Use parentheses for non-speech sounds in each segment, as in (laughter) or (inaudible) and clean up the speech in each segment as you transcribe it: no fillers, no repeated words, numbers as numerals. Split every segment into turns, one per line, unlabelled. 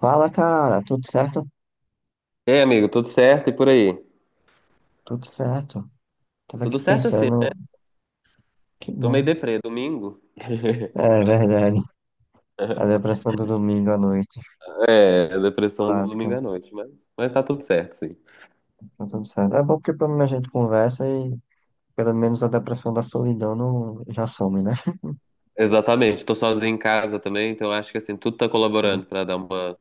Fala, cara, tudo certo?
Ei, amigo, tudo certo e por aí?
Tudo certo. Tava
Tudo
aqui
certo assim, né?
pensando, que
Tô meio
bom.
deprê, domingo. (laughs)
É verdade. A depressão do domingo à noite,
É, a depressão do domingo
básica.
à noite, mas tá tudo certo, sim.
Tá tudo certo. É bom porque pelo menos a gente conversa e pelo menos a depressão da solidão não já some, né?
Exatamente, tô sozinho em casa também, então acho que assim, tudo tá
Então,
colaborando pra dar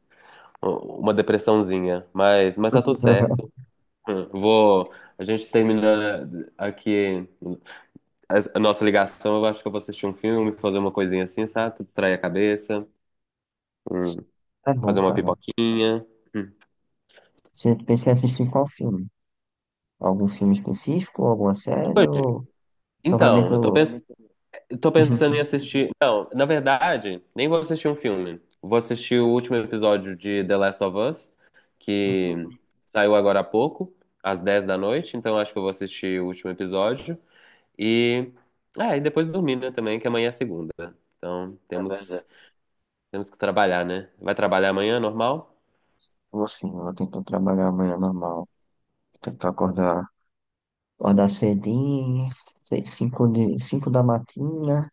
um, uma depressãozinha, mas tá tudo certo.
(laughs)
Hum, Vou, a gente terminando aqui a nossa ligação, eu acho que eu vou assistir um filme, fazer uma coisinha assim, sabe? Pra distrair a cabeça, hum,
é bom,
fazer uma
cara.
pipoquinha. Hum.
Você pensa em assistir qual filme? Algum filme específico, alguma série ou só vai
Então,
meter
eu
o
tô
louco?
pensando. Eu tô pensando em
(laughs)
assistir. Não, na verdade, nem vou assistir um filme. Vou assistir o último episódio de The Last of Us, que
Hum,
saiu agora há pouco, às 10 da noite. Então acho que eu vou assistir o último episódio. E. Ah, e depois dormir, né, também, que amanhã é segunda. Então
É
temos,
verdade.
temos que trabalhar, né? Vai trabalhar amanhã, normal?
Vou sim, eu vou tentar trabalhar amanhã normal. Vou tentar acordar cedinho, sei, 5 da matina,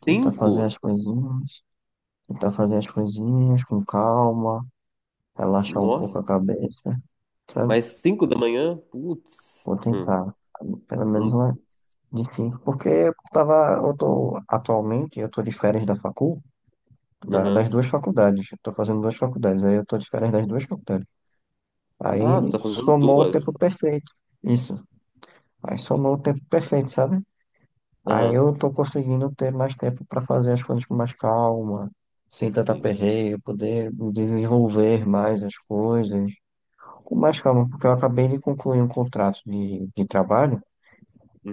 tentar fazer
Cinco?
as coisinhas, com calma, relaxar um
Nossa,
pouco a cabeça, sabe?
mas cinco da manhã? Putz.
Vou
Hum.
tentar, pelo menos
Não-
lá de cinco, porque eu tô, atualmente, eu tô de férias das
Aham.
duas faculdades, eu tô fazendo duas faculdades, aí eu tô de férias das duas faculdades.
Ah, você
Aí
tá fazendo
somou o
duas?
tempo perfeito, isso, aí somou o tempo perfeito, sabe? Aí
Aham.
eu tô conseguindo ter mais tempo para fazer as coisas com mais calma, sem tanta
Sim.
perreio, poder desenvolver mais as coisas com mais calma, porque eu acabei de concluir um contrato de trabalho,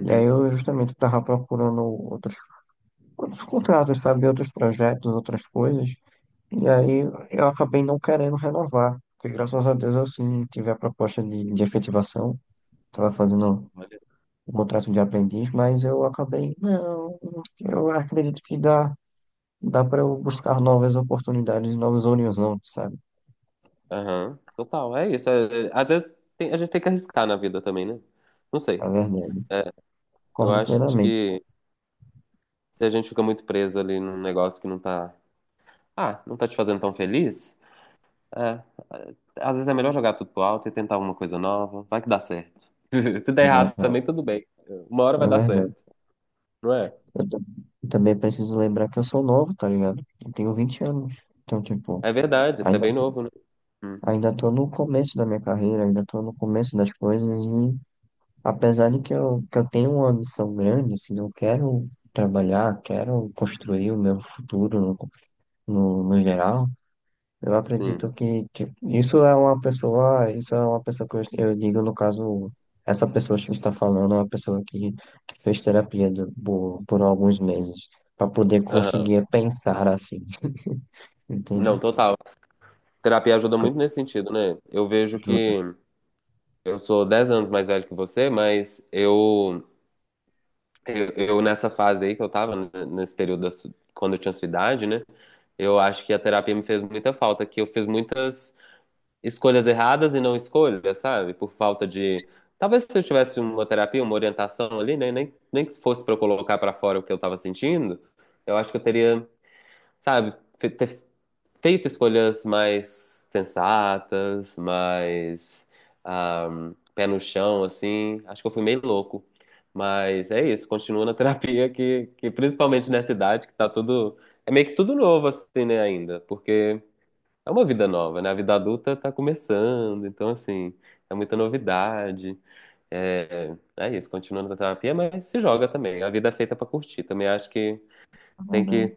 e aí eu justamente estava procurando outros contratos, sabe, outros projetos, outras coisas, e aí
Uhum.
eu acabei não querendo renovar, porque graças a Deus eu sim tive a proposta de efetivação, estava fazendo
Olha.
um contrato de aprendiz, mas eu acabei, não, eu acredito que dá. Dá para eu buscar novas oportunidades, novos horizontes, sabe?
Aham, total, é isso. Às vezes a gente tem que arriscar na vida também, né? Não sei.
É verdade.
É, eu
Concordo
acho
plenamente.
que se a gente fica muito preso ali num negócio que não tá. Ah, não tá te fazendo tão feliz, é, é, às vezes é melhor jogar tudo pro alto e tentar alguma coisa nova. Vai que dá certo. (laughs) Se der
É
errado
verdade.
também, tudo bem. Uma hora
É
vai dar
verdade.
certo, não é?
Eu, ta- eu também preciso lembrar que eu sou novo, tá ligado? Eu tenho 20 anos. Então, tipo,
É verdade, isso é
ainda,
bem novo, né? Hum,
ainda tô no começo da minha carreira, ainda tô no começo das coisas e apesar de que que eu tenho uma ambição grande, assim, eu quero trabalhar, quero construir o meu futuro no geral. Eu
sim.
acredito que, tipo, isso é uma pessoa que eu digo, no caso, essa pessoa que está falando é uma pessoa que fez terapia por alguns meses, para poder
Aham.
conseguir pensar assim, (laughs) entende?
Não, total. Terapia ajuda
Co-
muito nesse sentido, né? Eu vejo
Ajuda,
que eu sou 10 anos mais velho que você, Eu, eu, nessa fase aí que eu tava, nesse período quando eu tinha sua idade, né? Eu acho que a terapia me fez muita falta, que eu fiz muitas escolhas erradas e não escolhas, sabe? Por falta de. Talvez se eu tivesse uma terapia, uma orientação ali, né? Nem que fosse pra eu colocar pra fora o que eu tava sentindo, eu acho que eu teria, sabe, ter feito escolhas mais sensatas, mais ah, pé no chão, assim. Acho que eu fui meio louco. Mas é isso, continua na (laughs) terapia que
é
principalmente nessa idade, que tá tudo. É meio que tudo novo, assim, né, ainda. Porque é uma vida nova, né? A vida adulta tá começando, então assim, é muita novidade. É isso, continua na terapia, mas se joga também. A vida é feita pra curtir. Também acho que tem
verdade,
que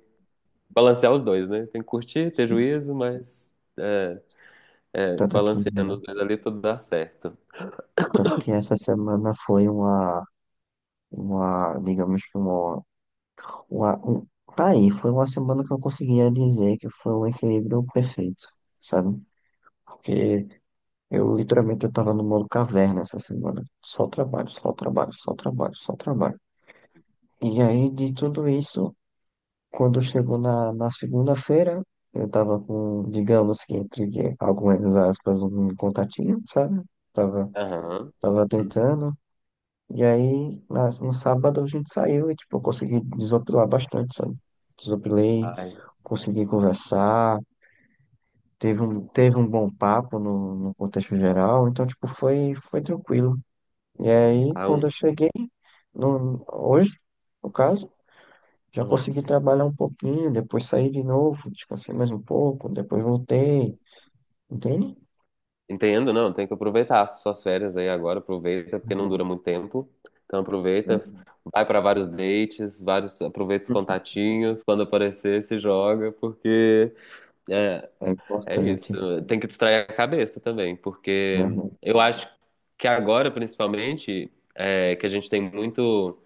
balancear os dois, né? Tem que curtir, ter
sim.
juízo, mas é, é,
Tanto que,
balanceando os dois ali, tudo dá certo.
tanto que essa semana foi digamos que uma um, tá aí, foi uma semana que eu conseguia dizer que foi um equilíbrio perfeito, sabe? Porque Eu literalmente eu tava no modo caverna essa semana. Só trabalho, só trabalho, só trabalho, só trabalho. E aí de tudo isso, quando chegou na segunda-feira, eu tava com, digamos que entre algumas aspas, um contatinho, sabe? Tava,
Aham.
tava
Hum.
tentando. E aí no sábado a gente saiu e tipo, eu consegui desopilar bastante, sabe? Desopilei,
Ai,
consegui conversar. Teve um bom papo no contexto geral, então, tipo, foi tranquilo. E aí,
ah,
quando eu cheguei, no, hoje, no caso, já
aham.
consegui trabalhar um pouquinho, depois saí de novo, descansei mais um pouco, depois voltei, entende?
Entendo, não. Tem que aproveitar as suas férias aí agora. Aproveita, porque não dura muito tempo. Então
É
aproveita, vai para vários dates, vários, aproveita os contatinhos. Quando aparecer, se joga, porque é,
é
é isso.
importante,
Tem que distrair a cabeça também, porque
né?
eu acho que agora, principalmente, que a gente tem muito.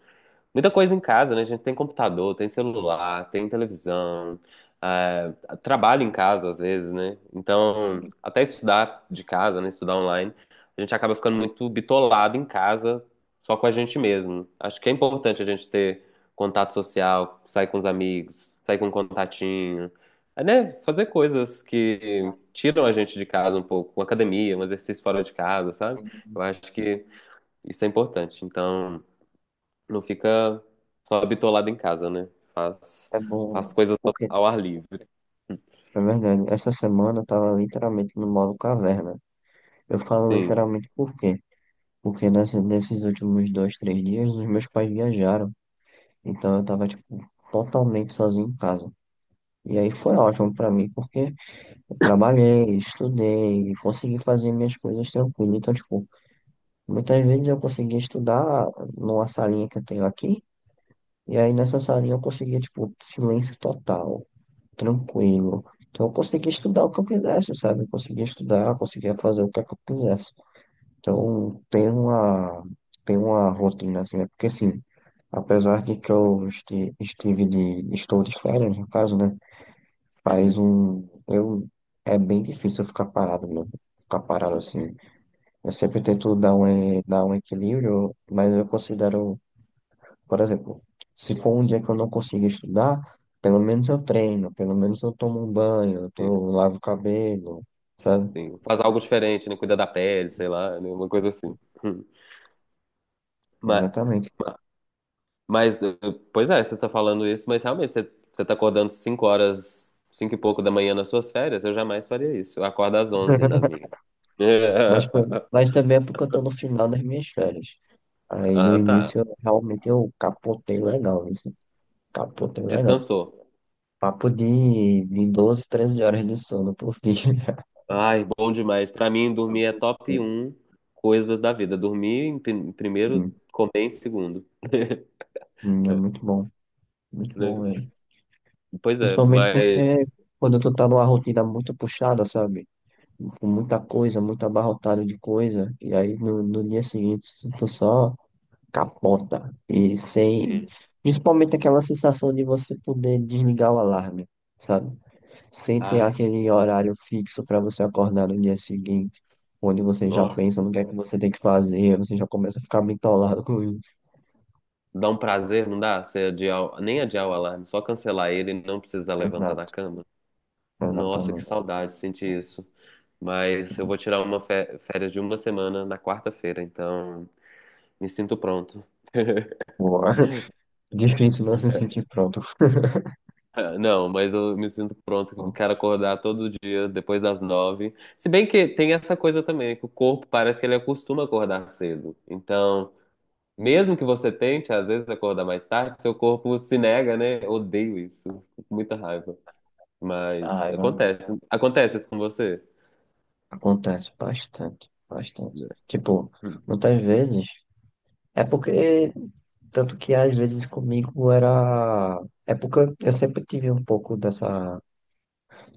Muita coisa em casa, né? A gente tem computador, tem celular, tem televisão, ah, trabalho em casa às vezes, né? Então, até estudar de casa, né? Estudar online, a gente acaba ficando muito bitolado em casa, só com a gente mesmo. Acho que é importante a gente ter contato social, sair com os amigos, sair com um contatinho, né? Fazer coisas que tiram a gente de casa um pouco, uma academia, um exercício fora de casa, sabe? Eu acho que isso é importante. Então não fica só bitolado em casa, né? Faz,
É
faz
bom,
coisas
porque,
ao ar livre.
é verdade, essa semana eu tava literalmente no modo caverna. Eu falo
Sim.
literalmente por quê? Porque nesses últimos 2, 3 dias, os meus pais viajaram, então eu tava, tipo, totalmente sozinho em casa. E aí foi ótimo pra mim, porque eu trabalhei, estudei, consegui fazer minhas coisas tranquilo. Então, tipo, muitas vezes eu conseguia estudar numa salinha que eu tenho aqui, e aí nessa salinha eu conseguia, tipo, silêncio total, tranquilo. Então, eu conseguia estudar o que eu quisesse, sabe? Eu conseguia estudar, eu conseguia fazer o que é que eu quisesse. Então, tem uma rotina, assim, é porque, assim, apesar de que eu estou de férias, no caso, né? Faz
Uhum.
um. Eu... É bem difícil eu ficar parado, mano. Ficar parado assim. Eu sempre tento dar um equilíbrio, mas eu considero, por exemplo, se for um dia que eu não consigo estudar, pelo menos eu treino, pelo menos eu tomo um banho,
Sim,
eu lavo o cabelo, sabe?
sim. Faz algo diferente, né? Cuida da pele, sei lá, né? Uma coisa assim. Hum. Mas,
Exatamente.
mas, pois é, você tá falando isso, mas realmente você tá acordando 5 horas, 5 e pouco da manhã nas suas férias, eu jamais faria isso. Eu acordo às 11 nas
(laughs)
minhas.
Mas,
(laughs)
mas também é porque eu tô no final das minhas férias. Aí no
Ah, tá.
início realmente eu capotei legal, isso. Capotei legal.
Descansou.
Papo de 12, 13 horas de sono por dia.
Ai, bom demais. Pra mim,
(laughs)
dormir é
Papo
top
de-
um coisas da vida. Dormir em em primeiro,
Sim,
comer em segundo. (laughs)
sim, é muito bom. Muito bom,
Né?
velho.
Pois é,
Principalmente
mas.
porque quando tu tá numa rotina muito puxada, sabe? Com muita coisa, muito abarrotado de coisa. E aí no dia seguinte tu só capota. E sem. Principalmente aquela sensação de você poder desligar o alarme, sabe? Sem ter
Ai,
aquele horário fixo para você acordar no dia seguinte, onde você já
nossa,
pensa no que é que você tem que fazer, você já começa a ficar bitolado com isso.
dá um prazer, não dá? Você adiar, nem adiar o alarme, só cancelar ele e não precisar levantar da
Exato,
cama. Nossa, que
exatamente.
saudade de sentir isso. Mas eu vou tirar uma férias de 1 semana na quarta-feira, então me sinto pronto.
Boa. (laughs) Difícil não se sentir pronto. (laughs)
(laughs) Não, mas eu me sinto pronto, quero acordar todo dia depois das nove. Se bem que tem essa coisa também, que o corpo parece que ele acostuma acordar cedo. Então, mesmo que você tente, às vezes, acordar mais tarde, seu corpo se nega, né? Eu odeio isso, fico com muita raiva. Mas
Ai, mano,
acontece. Acontece isso com você?
acontece bastante, bastante. Tipo, muitas vezes. É porque, tanto que às vezes comigo era. É porque eu sempre tive um pouco dessa.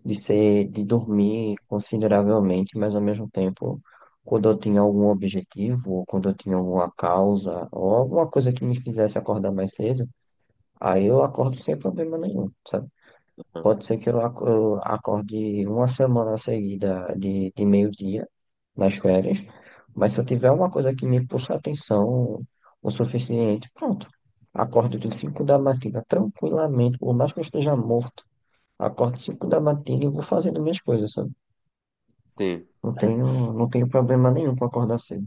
De ser, de dormir consideravelmente, mas ao mesmo tempo, quando eu tinha algum objetivo, ou quando eu tinha alguma causa, ou alguma coisa que me fizesse acordar mais cedo, aí eu acordo sem problema nenhum, sabe?
Uhum.
Pode ser que eu acorde uma semana seguida de meio-dia nas férias, mas se eu tiver uma coisa que me puxa a atenção o suficiente, pronto. Acordo de 5 da matina tranquilamente, por mais que eu esteja morto. Acordo 5 da matina e vou fazendo minhas coisas, sabe?
Sim.
Não tenho problema nenhum com acordar cedo.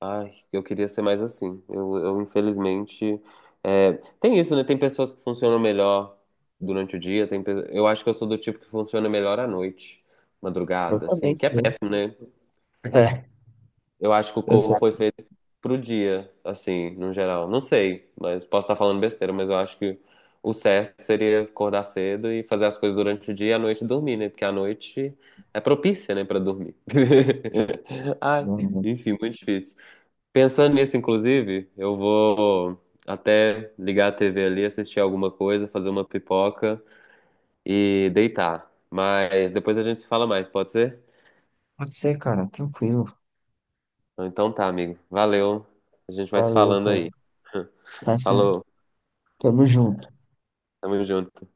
Ai, eu queria ser mais assim. Eu infelizmente. é, tem isso, né? Tem pessoas que funcionam melhor durante o dia. Eu acho que eu sou do tipo que funciona melhor à noite,
Eu
madrugada, assim,
também
que é
sou.
péssimo, né?
É,
Eu acho que o
eu
corpo
sou.
foi feito pro dia, assim, no geral. Não sei, mas posso estar falando besteira, mas eu acho que o certo seria acordar cedo e fazer as coisas durante o dia e à noite dormir, né? Porque à noite é propícia, né, pra dormir. (laughs) Ai,
Não, não.
enfim, muito difícil. Pensando nisso, inclusive, eu vou até ligar a TV ali, assistir alguma coisa, fazer uma pipoca e deitar. Mas depois a gente se fala mais, pode ser?
Pode ser, cara, tranquilo.
Então tá, amigo. Valeu. A gente vai se
Valeu,
falando
cara.
aí.
Tá certo.
Falou.
Tamo junto.
Tamo junto.